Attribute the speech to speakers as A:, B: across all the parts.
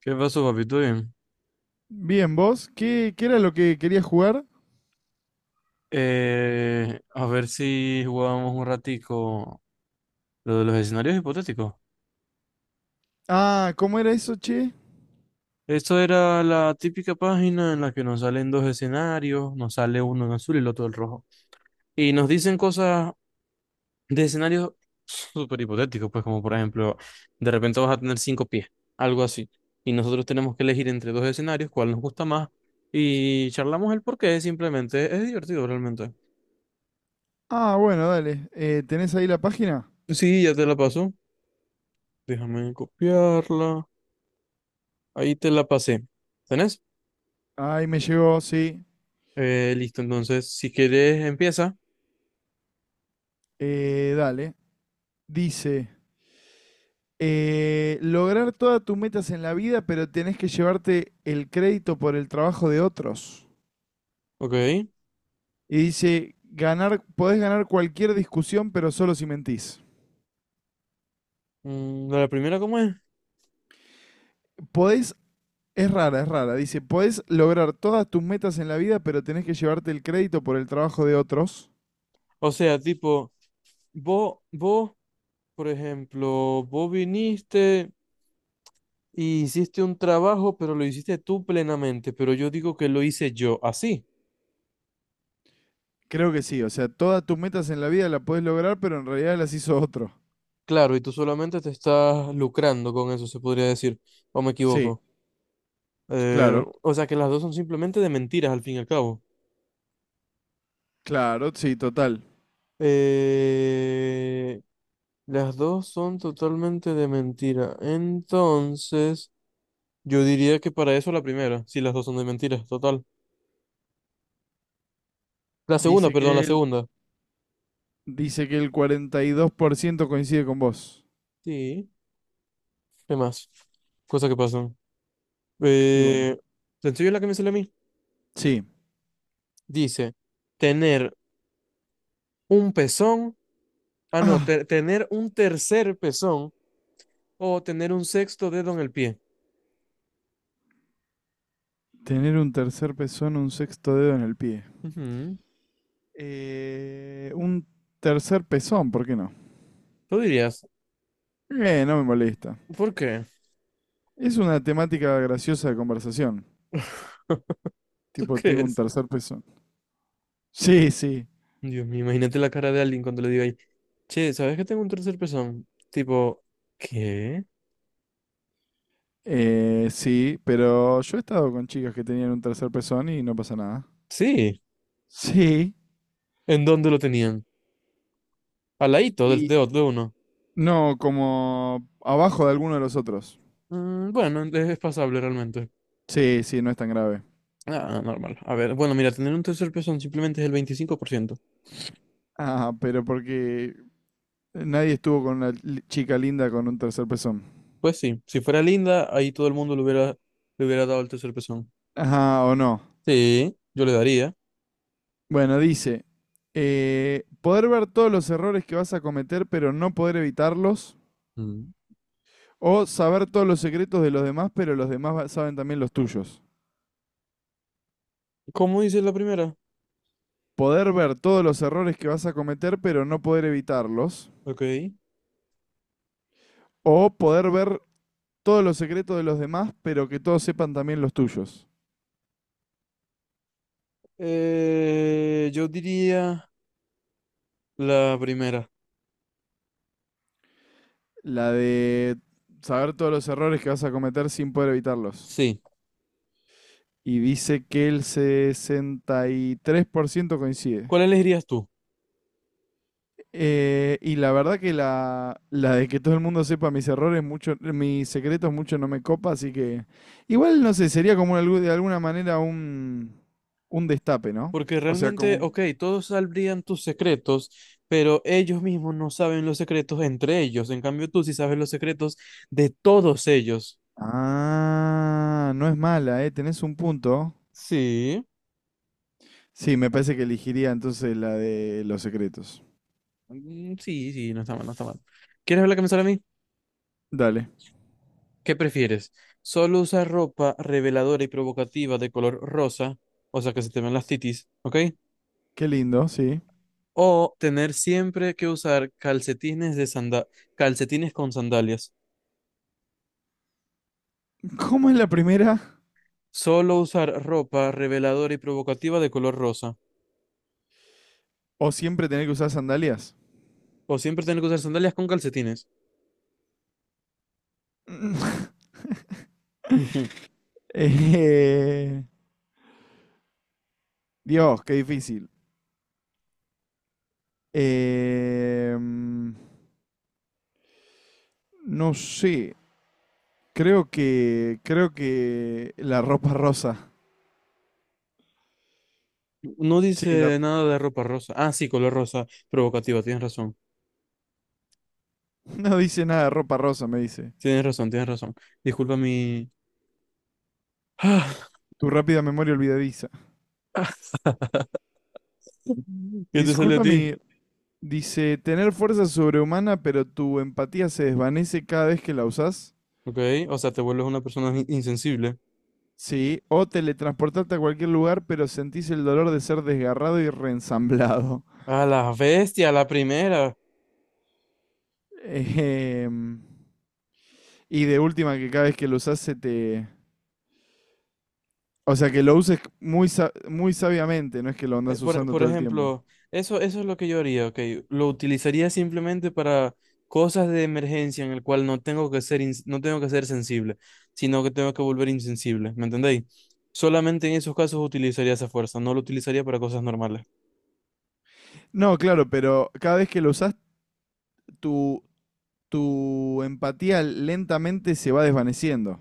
A: ¿Qué pasó, papi? ¿Todo bien?
B: Bien, vos, ¿qué era lo que querías jugar?
A: A ver si jugábamos un ratico lo de los escenarios hipotéticos.
B: Ah, ¿cómo era eso, che?
A: Esto era la típica página en la que nos salen dos escenarios, nos sale uno en azul y el otro en rojo. Y nos dicen cosas de escenarios súper hipotéticos, pues como por ejemplo, de repente vas a tener 5 pies, algo así. Y nosotros tenemos que elegir entre dos escenarios, cuál nos gusta más, y charlamos el porqué, simplemente es divertido realmente.
B: Ah, bueno, dale. ¿Tenés ahí la página?
A: Sí, ya te la paso. Déjame copiarla. Ahí te la pasé. ¿Tenés?
B: Ahí me llegó, sí.
A: Listo, entonces, si querés, empieza.
B: Dale. Dice, lograr todas tus metas en la vida, pero tenés que llevarte el crédito por el trabajo de otros.
A: Ok.
B: Y dice, ganar, podés ganar cualquier discusión, pero solo si mentís.
A: La primera, ¿cómo es?
B: Podés, es rara. Dice, podés lograr todas tus metas en la vida, pero tenés que llevarte el crédito por el trabajo de otros.
A: O sea, tipo, vos, por ejemplo, vos viniste y hiciste un trabajo, pero lo hiciste tú plenamente, pero yo digo que lo hice yo, así.
B: Creo que sí, o sea, todas tus metas en la vida las podés lograr, pero en realidad las hizo otro.
A: Claro, y tú solamente te estás lucrando con eso, se podría decir, o me
B: Sí,
A: equivoco. Eh,
B: claro,
A: o sea, que las dos son simplemente de mentiras, al fin y al cabo.
B: claro, sí, total.
A: Eh, las dos son totalmente de mentira. Entonces, yo diría que para eso la primera, si las dos son de mentira, total. La segunda,
B: Dice
A: perdón, la
B: que él,
A: segunda.
B: dice que el 42% coincide con vos.
A: Sí. ¿Qué más? Cosas que pasan.
B: Y bueno,
A: Eh, ¿te enseño la que me sale a mí?
B: sí.
A: Dice, tener un pezón, ah, no,
B: Ah,
A: tener un tercer pezón o tener un sexto dedo en el pie.
B: tener un tercer pezón, o un sexto dedo en el pie.
A: Ujú.
B: Un tercer pezón, ¿por qué no?
A: ¿Tú dirías?
B: No me molesta.
A: ¿Por qué?
B: Es una temática graciosa de conversación.
A: ¿Tú
B: Tipo, tengo un
A: crees?
B: tercer pezón. Sí, sí.
A: Dios mío, imagínate la cara de alguien cuando le diga ahí, che, ¿sabes que tengo un tercer pezón? Tipo, ¿qué?
B: Sí, pero yo he estado con chicas que tenían un tercer pezón y no pasa nada.
A: Sí,
B: Sí.
A: ¿en dónde lo tenían? Al ladito del
B: Y
A: de uno.
B: no, como abajo de alguno de los otros.
A: Mm, bueno, es pasable realmente.
B: Sí, sí, no es tan grave.
A: Ah, normal. A ver, bueno, mira, tener un tercer pezón simplemente es el 25%.
B: Ah, pero porque nadie estuvo con una chica linda con un tercer pezón.
A: Pues sí, si fuera linda, ahí todo el mundo le hubiera dado el tercer pezón.
B: Ajá, o no.
A: Sí, yo le daría.
B: Bueno, dice, poder ver todos los errores que vas a cometer, pero no poder evitarlos.
A: Mm.
B: O saber todos los secretos de los demás, pero los demás saben también los tuyos.
A: ¿Cómo dice la primera?
B: Poder ver todos los errores que vas a cometer, pero no poder evitarlos.
A: Ok.
B: O poder ver todos los secretos de los demás, pero que todos sepan también los tuyos.
A: Yo diría la primera.
B: La de saber todos los errores que vas a cometer sin poder evitarlos.
A: Sí.
B: Y dice que el 63% coincide.
A: ¿Cuál elegirías tú?
B: Y la verdad que la de que todo el mundo sepa mis errores, mucho, mis secretos, mucho no me copa, así que igual no sé, sería como de alguna manera un destape, ¿no?
A: Porque
B: O sea,
A: realmente,
B: como...
A: ok, todos sabrían tus secretos, pero ellos mismos no saben los secretos entre ellos. En cambio, tú sí sabes los secretos de todos ellos.
B: Ah, no es mala, ¿eh? Tenés un punto.
A: Sí,
B: Sí, me parece que elegiría entonces la de los secretos.
A: mm, sí, sí, no está mal, no está mal. ¿Quieres ver la camisola a mí?
B: Dale.
A: ¿Qué prefieres? ¿Solo usar ropa reveladora y provocativa de color rosa, o sea, que se te ven las titis, ok?
B: Qué lindo, sí.
A: ¿O tener siempre que usar calcetines de calcetines con sandalias?
B: ¿Cómo es la primera?
A: ¿Solo usar ropa reveladora y provocativa de color rosa?
B: ¿O siempre tener que usar sandalias?
A: O siempre tener que usar sandalias con calcetines. Ujú.
B: Eh, Dios, qué difícil. Eh, mm, no sé. Creo que la ropa rosa.
A: No
B: Sí,
A: dice nada de ropa rosa. Ah, sí, color rosa provocativa. Tienes razón.
B: no dice nada, ropa rosa, me dice.
A: Tienes razón, tienes razón. Disculpa mi...
B: Tu rápida memoria olvidadiza.
A: ¿Qué te sale a
B: Disculpa
A: ti?
B: mi. Dice, tener fuerza sobrehumana, pero tu empatía se desvanece cada vez que la usás.
A: Ok, o sea, te vuelves una persona insensible.
B: Sí. O teletransportarte a cualquier lugar, pero sentís el dolor de ser desgarrado y reensamblado.
A: A la bestia, a la primera.
B: Ejem, y de última, que cada vez que lo usás se te... O sea, que lo uses muy, muy sabiamente, no es que lo
A: Eh,
B: andas
A: Por,
B: usando
A: por
B: todo el tiempo.
A: ejemplo, eso es lo que yo haría, ok. Lo utilizaría simplemente para cosas de emergencia en el cual no tengo que ser, ins- no tengo que ser sensible, sino que tengo que volver insensible, ¿me entendéis? Solamente en esos casos utilizaría esa fuerza, no lo utilizaría para cosas normales.
B: No, claro, pero cada vez que lo usás, tu, tu empatía lentamente se va desvaneciendo.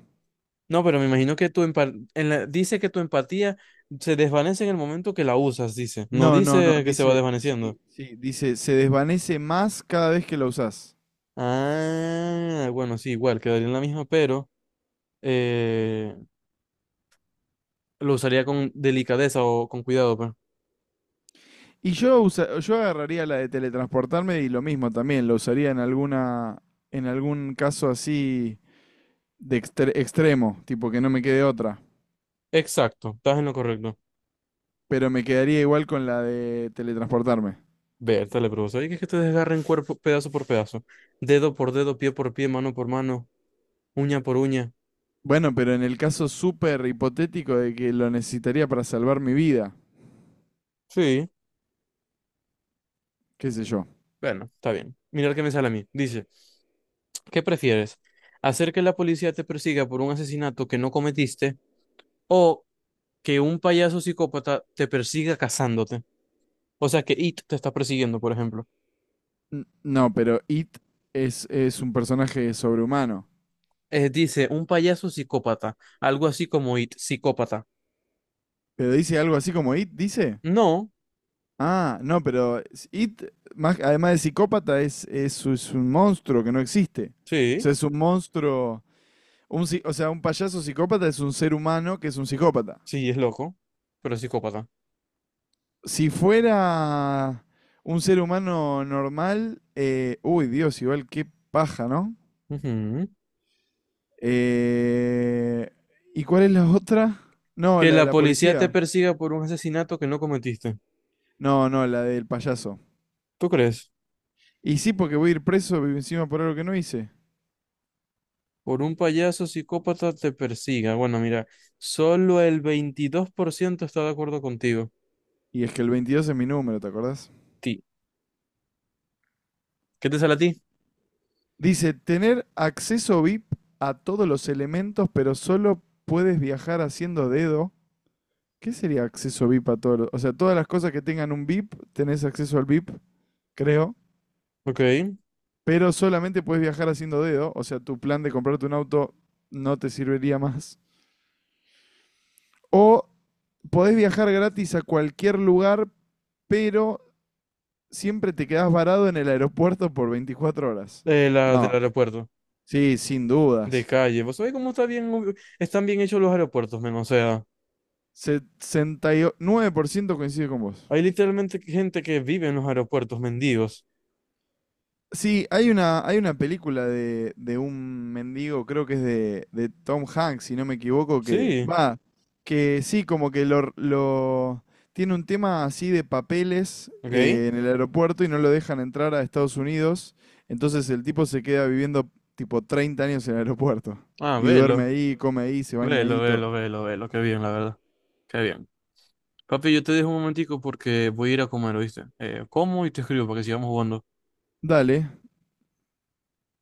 A: No, pero me imagino que tu dice que tu empatía se desvanece en el momento que la usas, dice. No
B: No,
A: dice que se va
B: dice,
A: desvaneciendo.
B: sí, sí, dice, se desvanece más cada vez que la usás.
A: Ah, bueno, sí, igual, quedaría en la misma, pero... eh, Lo usaría con delicadeza o con cuidado, pues.
B: Y yo agarraría la de teletransportarme y lo mismo también, lo usaría en alguna, en algún caso así de extremo, tipo que no me quede otra.
A: Exacto, estás en lo correcto.
B: Pero me quedaría igual con la de teletransportarme.
A: Vértale, pero ¿sabes que es que te desgarren cuerpo pedazo por pedazo? Dedo por dedo, pie por pie, mano por mano, uña por uña.
B: Bueno, pero en el caso súper hipotético de que lo necesitaría para salvar mi vida,
A: Sí,
B: qué sé yo.
A: bueno, está bien. Mirar qué me sale a mí. Dice, ¿qué prefieres? ¿Hacer que la policía te persiga por un asesinato que no cometiste o que un payaso psicópata te persiga cazándote? O sea, que It te está persiguiendo, por ejemplo.
B: No, pero It es un personaje sobrehumano.
A: Dice, un payaso psicópata, algo así como It, psicópata.
B: Pero dice algo así como It, dice.
A: No,
B: Ah, no, pero It, más, además de psicópata, es un monstruo que no existe. O
A: sí.
B: sea, es un monstruo. Un, o sea, un payaso psicópata es un ser humano que es un psicópata.
A: Sí, es loco, pero es psicópata.
B: Si fuera un ser humano normal, uy, Dios, igual qué paja, ¿no?
A: Ujú.
B: Eh, ¿Y cuál es la otra? No,
A: Que
B: la de
A: la
B: la
A: policía te
B: policía.
A: persiga por un asesinato que no cometiste.
B: No, no, la del payaso.
A: ¿Tú crees?
B: Y sí, porque voy a ir preso encima por algo que no hice.
A: Por un payaso psicópata te persiga. Bueno, mira, solo el 22% está de acuerdo contigo.
B: Y es que el 22 es mi número, ¿te acordás?
A: Ti. ¿Qué te sale a ti?
B: Dice, tener acceso VIP a todos los elementos, pero solo puedes viajar haciendo dedo. ¿Qué sería acceso VIP a todos los? O sea, todas las cosas que tengan un VIP, tenés acceso al VIP, creo.
A: Ok.
B: Pero solamente puedes viajar haciendo dedo. O sea, tu plan de comprarte un auto no te serviría más. O podés viajar gratis a cualquier lugar, pero siempre te quedás varado en el aeropuerto por 24 horas.
A: Eh, la del
B: No,
A: aeropuerto.
B: sí, sin
A: De
B: dudas.
A: calle. ¿Vos sabés cómo está bien, están bien hechos los aeropuertos, men? O sea,
B: 69% coincide con vos.
A: hay literalmente gente que vive en los aeropuertos, mendigos.
B: Sí, hay una película de un mendigo, creo que es de Tom Hanks, si no me equivoco, que
A: Sí.
B: va, que sí, como que tiene un tema así de papeles
A: Ok.
B: en el aeropuerto y no lo dejan entrar a Estados Unidos. Entonces el tipo se queda viviendo tipo 30 años en el aeropuerto
A: Ah,
B: y duerme
A: velo.
B: ahí, come ahí, se baña ahí,
A: Velo,
B: y todo.
A: velo, velo, velo. Qué bien, la verdad. Qué bien. Papi, yo te dejo un momentico porque voy a ir a comer, ¿oíste? Como y te escribo para que sigamos jugando.
B: Dale.